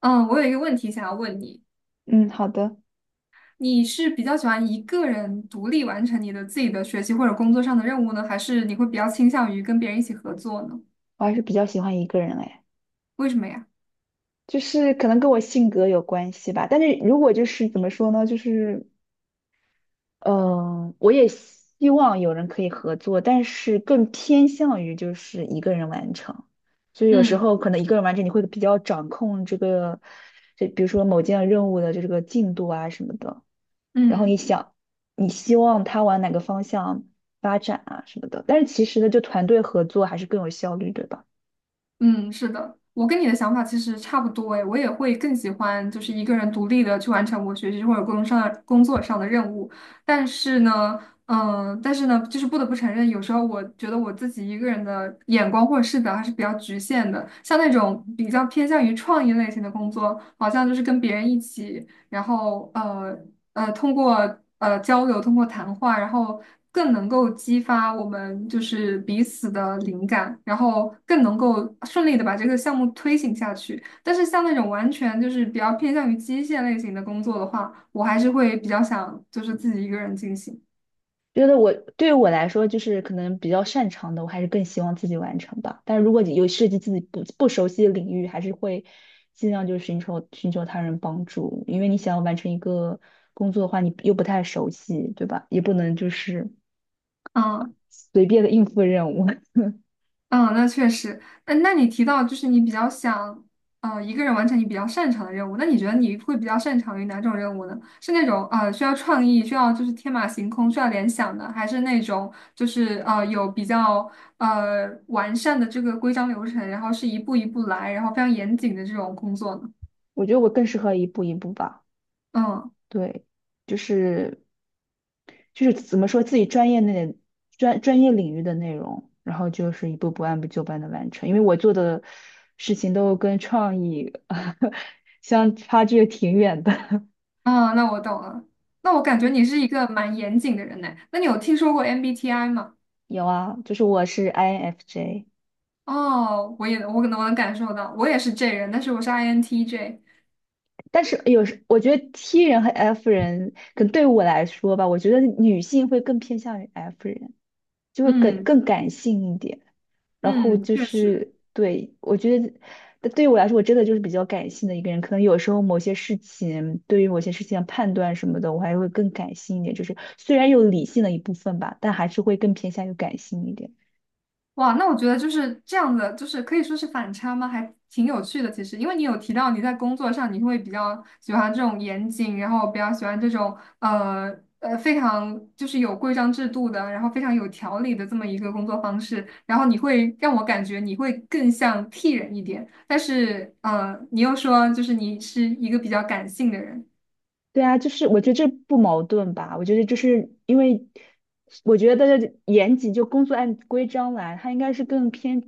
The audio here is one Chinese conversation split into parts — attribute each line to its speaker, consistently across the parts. Speaker 1: 嗯，我有一个问题想要问你，
Speaker 2: 嗯，好的。
Speaker 1: 你是比较喜欢一个人独立完成你的自己的学习或者工作上的任务呢，还是你会比较倾向于跟别人一起合作呢？
Speaker 2: 我还是比较喜欢一个人哎，
Speaker 1: 为什么呀？
Speaker 2: 就是可能跟我性格有关系吧。但是如果就是怎么说呢，就是嗯、我也希望有人可以合作，但是更偏向于就是一个人完成。就是有时
Speaker 1: 嗯
Speaker 2: 候可能一个人完成，你会比较掌控这个，这比如说某件任务的这个进度啊什么的。然后你
Speaker 1: 嗯。
Speaker 2: 想，你希望他往哪个方向发展啊什么的。但是其实呢，就团队合作还是更有效率，对吧？
Speaker 1: 嗯，是的，我跟你的想法其实差不多诶，我也会更喜欢就是一个人独立的去完成我学习或者工作上的任务。但是呢，但是呢，就是不得不承认，有时候我觉得我自己一个人的眼光或者视角还是比较局限的。像那种比较偏向于创意类型的工作，好像就是跟别人一起。然后通过交流，通过谈话，然后更能够激发我们就是彼此的灵感，然后更能够顺利的把这个项目推行下去。但是像那种完全就是比较偏向于机械类型的工作的话，我还是会比较想就是自己一个人进行。
Speaker 2: 觉得我对于我来说，就是可能比较擅长的，我还是更希望自己完成吧。但是如果你有涉及自己不熟悉的领域，还是会尽量就是寻求他人帮助，因为你想要完成一个工作的话，你又不太熟悉，对吧？也不能就是
Speaker 1: 嗯，
Speaker 2: 随便的应付任务。
Speaker 1: 嗯，那确实。嗯，那你提到就是你比较想，一个人完成你比较擅长的任务，那你觉得你会比较擅长于哪种任务呢？是那种需要创意、需要就是天马行空、需要联想的，还是那种就是有比较完善的这个规章流程，然后是一步一步来，然后非常严谨的这种工作呢？
Speaker 2: 我觉得我更适合一步一步吧。
Speaker 1: 嗯，
Speaker 2: 对，就是怎么说自己专业内专业领域的内容，然后就是一步步按部就班的完成。因为我做的事情都跟创意 相差距挺远的。
Speaker 1: 啊，那我懂了。那我感觉
Speaker 2: 嗯
Speaker 1: 你是一个蛮严谨的人呢。那你有听说过 MBTI 吗？
Speaker 2: 有啊，就是我是 INFJ,
Speaker 1: 哦，我也我可能我能感受到，我也是 J 人，但是我是 INTJ。
Speaker 2: 但是有时我觉得 T 人和 F 人，可能对我来说吧，我觉得女性会更偏向于 F 人，就会更
Speaker 1: 嗯
Speaker 2: 更感性一点。然后
Speaker 1: 嗯，
Speaker 2: 就
Speaker 1: 确实，
Speaker 2: 是对我觉得，但对于我来说，我真的就是比较感性的一个人。可能有时候某些事情，对于某些事情的判断什么的，我还会更感性一点。就是虽然有理性的一部分吧，但还是会更偏向于感性一点。
Speaker 1: 哇，那我觉得就是这样的，就是可以说是反差吗？还挺有趣的。其实，因为你有提到你在工作上你会比较喜欢这种严谨，然后比较喜欢这种呃非常就是有规章制度的，然后非常有条理的这么一个工作方式，然后你会让我感觉你会更像 T 人一点，但是你又说就是你是一个比较感性的人，
Speaker 2: 对啊，就是我觉得这不矛盾吧？我觉得就是因为，我觉得严谨就工作按规章来，他应该是更偏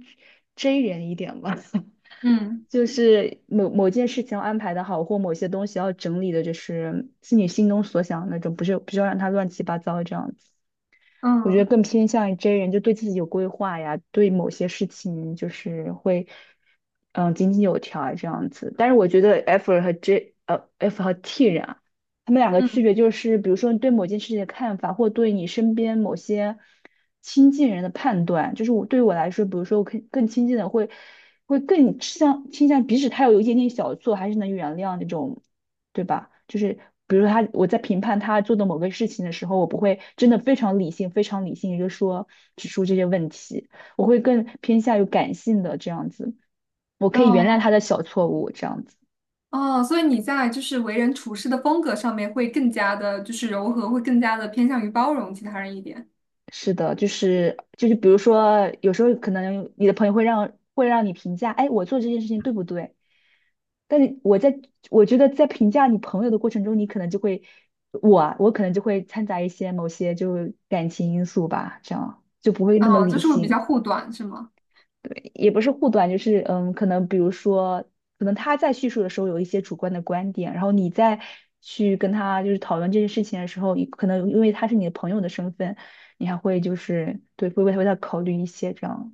Speaker 2: J 人一点吧。
Speaker 1: 嗯。
Speaker 2: 就是某件事情要安排的好，或某些东西要整理的，就是是你心中所想的那种，不是要让它乱七八糟这样子。我觉得
Speaker 1: 嗯
Speaker 2: 更偏向于 J 人，就对自己有规划呀，对某些事情就是会，嗯，井井有条啊这样子。但是我觉得 F 和 J,呃，F 和 T 人啊，他们两个区
Speaker 1: 嗯，
Speaker 2: 别就是，比如说你对某件事情的看法，或对你身边某些亲近人的判断。就是我对于我来说，比如说我更亲近的会，会更倾向，即使他有一点点小错，还是能原谅那种。对吧？就是比如说他我在评判他做的某个事情的时候，我不会真的非常理性就说指出这些问题，我会更偏向于感性的这样子，我可以原谅
Speaker 1: 哦
Speaker 2: 他的小错误这样子。
Speaker 1: 哦，所以你在就是为人处事的风格上面会更加的，就是柔和，会更加的偏向于包容其他人一点。
Speaker 2: 是的，就是比如说有时候可能你的朋友会让你评价，哎，我做这件事情对不对？但是我觉得在评价你朋友的过程中，你可能就会我可能就会掺杂一些某些就感情因素吧，这样就不会那么
Speaker 1: 哦，就
Speaker 2: 理
Speaker 1: 是会比较
Speaker 2: 性。
Speaker 1: 护短，是吗？
Speaker 2: 对也不是护短，就是嗯，可能比如说，可能他在叙述的时候有一些主观的观点，然后你在去跟他就是讨论这件事情的时候，你可能因为他是你的朋友的身份，你还会就是对，会为他考虑一些这样，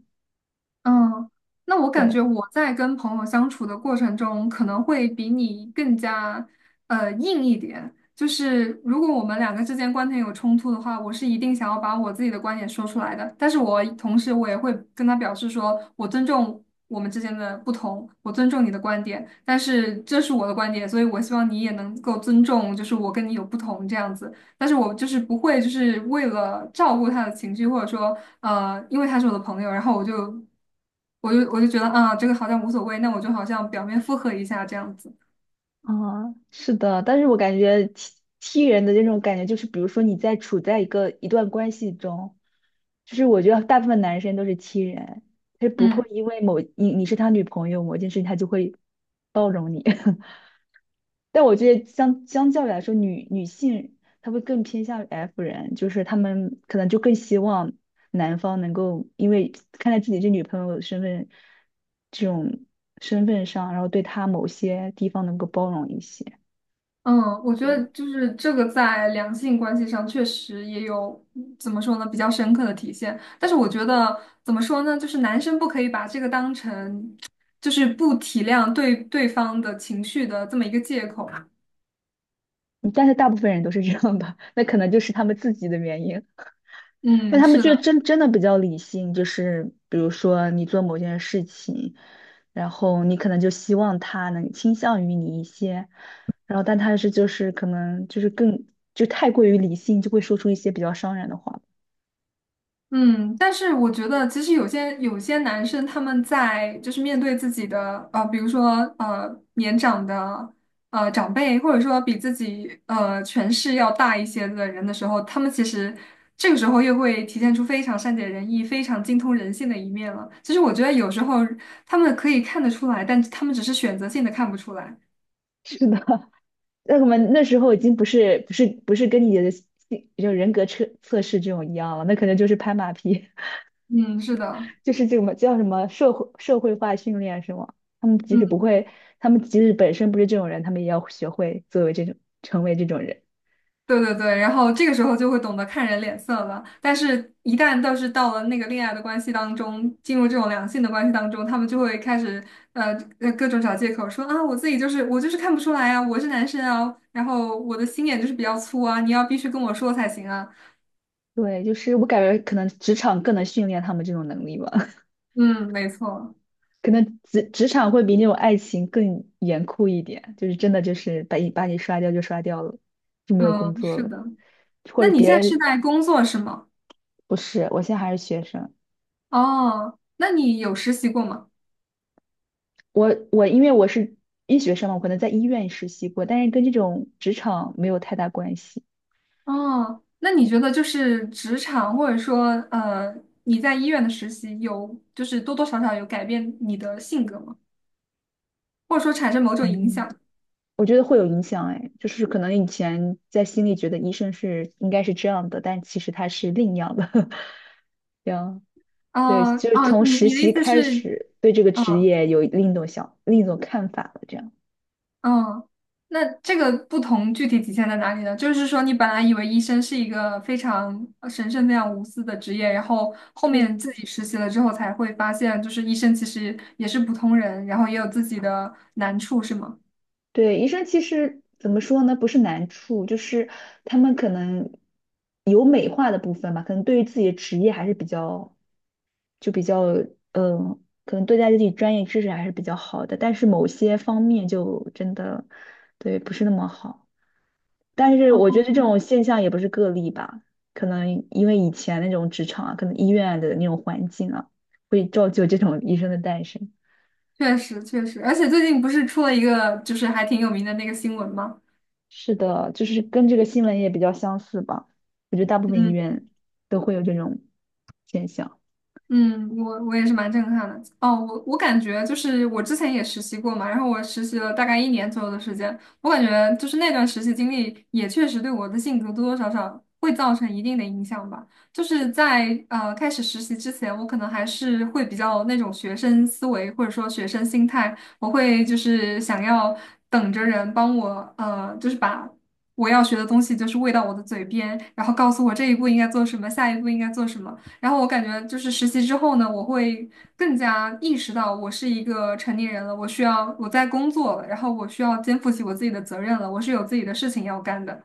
Speaker 1: 嗯，那我感觉
Speaker 2: 对。
Speaker 1: 我在跟朋友相处的过程中，可能会比你更加硬一点。就是如果我们两个之间观点有冲突的话，我是一定想要把我自己的观点说出来的。但是我同时我也会跟他表示说，我尊重我们之间的不同，我尊重你的观点，但是这是我的观点，所以我希望你也能够尊重，就是我跟你有不同这样子。但是我就是不会，就是为了照顾他的情绪，或者说因为他是我的朋友，然后我就觉得啊，这个好像无所谓，那我就好像表面附和一下这样子。
Speaker 2: 啊，是的，但是我感觉 T 人的这种感觉就是，比如说你在处在一段关系中，就是我觉得大部分男生都是 T 人，他不
Speaker 1: 嗯
Speaker 2: 会因为你是他女朋友某件事情，他就会包容你。但我觉得相较于来说，女性她会更偏向于 F 人，就是她们可能就更希望男方能够因为看在自己这女朋友的这种身份上，然后对她某些地方能够包容一些。
Speaker 1: 嗯，我觉得
Speaker 2: 对。
Speaker 1: 就是这个在两性关系上确实也有怎么说呢，比较深刻的体现。但是我觉得怎么说呢，就是男生不可以把这个当成就是不体谅对方的情绪的这么一个借口。
Speaker 2: 嗯但是大部分人都是这样的，那可能就是他们自己的原因。但
Speaker 1: 嗯，
Speaker 2: 他们
Speaker 1: 是
Speaker 2: 就
Speaker 1: 的。
Speaker 2: 真的比较理性，就是比如说你做某件事情，然后你可能就希望他能倾向于你一些，然后但他是就是可能就是更就太过于理性，就会说出一些比较伤人的话。
Speaker 1: 嗯，但是我觉得，其实有些男生他们在就是面对自己的比如说年长的长辈，或者说比自己权势要大一些的人的时候，他们其实这个时候又会体现出非常善解人意、非常精通人性的一面了。其实我觉得有时候他们可以看得出来，但他们只是选择性的看不出来。
Speaker 2: 是的，那我们那时候已经不是跟你的人格测试这种一样了，那可能就是拍马屁。
Speaker 1: 嗯，是的，
Speaker 2: 就是这么叫什么社会化训练是吗？他们即使不
Speaker 1: 嗯。
Speaker 2: 会，他们即使本身不是这种人，他们也要学会作为这种成为这种人。
Speaker 1: 对对对，然后这个时候就会懂得看人脸色了。但是，一旦倒是到了那个恋爱的关系当中，进入这种良性的关系当中，他们就会开始呃各种找借口说啊，我就是看不出来啊，我是男生啊，然后我的心眼就是比较粗啊，你要必须跟我说才行啊。
Speaker 2: 对，就是我感觉可能职场更能训练他们这种能力吧，
Speaker 1: 嗯，没错，
Speaker 2: 可能职场会比那种爱情更严酷一点，就是真的就是把你刷掉就刷掉了，就没有工
Speaker 1: 嗯，
Speaker 2: 作
Speaker 1: 是
Speaker 2: 了，
Speaker 1: 的。
Speaker 2: 或
Speaker 1: 那
Speaker 2: 者
Speaker 1: 你
Speaker 2: 别
Speaker 1: 现在是
Speaker 2: 人
Speaker 1: 在工作是吗？
Speaker 2: 不是，我现在还是学生。
Speaker 1: 哦，那你有实习过吗？
Speaker 2: 我因为我是医学生嘛，我可能在医院实习过，但是跟这种职场没有太大关系。
Speaker 1: 哦，那你觉得就是职场，或者说呃，你在医院的实习有，就是多多少少有改变你的性格吗？或者说产生某种影
Speaker 2: 嗯，
Speaker 1: 响？
Speaker 2: 我觉得会有影响，哎，就是可能以前在心里觉得医生是应该是这样的，但其实他是另样的，这样。对，
Speaker 1: 啊
Speaker 2: 就是
Speaker 1: 啊，
Speaker 2: 从
Speaker 1: 你
Speaker 2: 实
Speaker 1: 你的意
Speaker 2: 习
Speaker 1: 思
Speaker 2: 开
Speaker 1: 是，
Speaker 2: 始对这个职
Speaker 1: 嗯
Speaker 2: 业有另一种看法了，这样。
Speaker 1: 嗯，那这个不同具体体现在哪里呢？就是说，你本来以为医生是一个非常神圣、非常无私的职业，然后后
Speaker 2: 对
Speaker 1: 面自己实习了之后才会发现，就是医生其实也是普通人，然后也有自己的难处，是吗？
Speaker 2: 对，医生其实怎么说呢？不是难处，就是他们可能有美化的部分吧，可能对于自己的职业还是比较就比较嗯，可能对待自己专业知识还是比较好的，但是某些方面就真的对不是那么好。但是我觉得这种现象也不是个例吧，可能因为以前那种职场啊，可能医院的那种环境啊，会造就这种医生的诞生。
Speaker 1: 确实确实，而且最近不是出了一个就是还挺有名的那个新闻吗？
Speaker 2: 是的，就是跟这个新闻也比较相似吧。我觉得大部分医
Speaker 1: 嗯，
Speaker 2: 院都会有这种现象。
Speaker 1: 嗯，我也是蛮震撼的。哦，我感觉就是我之前也实习过嘛，然后我实习了大概1年左右的时间，我感觉就是那段实习经历也确实对我的性格多多少少会造成一定的影响吧。就是在开始实习之前，我可能还是会比较那种学生思维或者说学生心态，我会就是想要等着人帮我就是把。我要学的东西就是喂到我的嘴边，然后告诉我这一步应该做什么，下一步应该做什么。然后我感觉就是实习之后呢，我会更加意识到我是一个成年人了，我需要我在工作了，然后我需要肩负起我自己的责任了，我是有自己的事情要干的。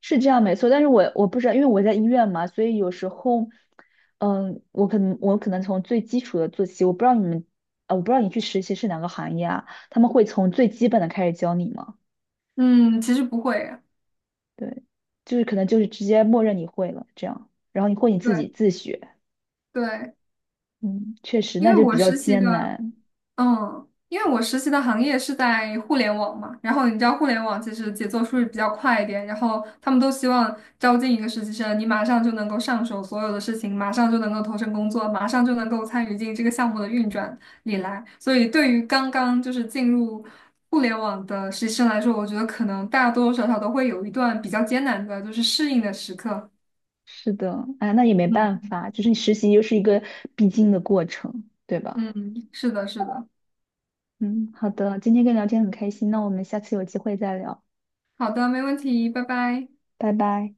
Speaker 2: 是这样没错，但是我不知道，因为我在医院嘛，所以有时候，嗯，我可能从最基础的做起，我不知道你们，啊，我不知道你去实习是哪个行业啊，他们会从最基本的开始教你吗？
Speaker 1: 嗯，其实不会，
Speaker 2: 对，就是可能就是直接默认你会了这样，然后你或你自
Speaker 1: 对
Speaker 2: 己自学，
Speaker 1: 对，
Speaker 2: 嗯，确实
Speaker 1: 因
Speaker 2: 那
Speaker 1: 为
Speaker 2: 就比
Speaker 1: 我
Speaker 2: 较
Speaker 1: 实习
Speaker 2: 艰
Speaker 1: 的。
Speaker 2: 难，
Speaker 1: 嗯，因为我实习的行业是在互联网嘛，然后你知道互联网其实节奏是不是比较快一点，然后他们都希望招进一个实习生，你马上就能够上手所有的事情，马上就能够投身工作，马上就能够参与进这个项目的运转里来。所以对于刚刚就是进入互联网的实习生来说，我觉得可能多多少少都会有一段比较艰难的就是适应的时刻。
Speaker 2: 是的，哎，那也没办
Speaker 1: 嗯
Speaker 2: 法，就是你实习又是一个必经的过程，对吧？
Speaker 1: 嗯，是的，是的。
Speaker 2: 嗯，好的，今天跟你聊天很开心，那我们下次有机会再聊，
Speaker 1: 好的，没问题，拜拜。
Speaker 2: 拜拜。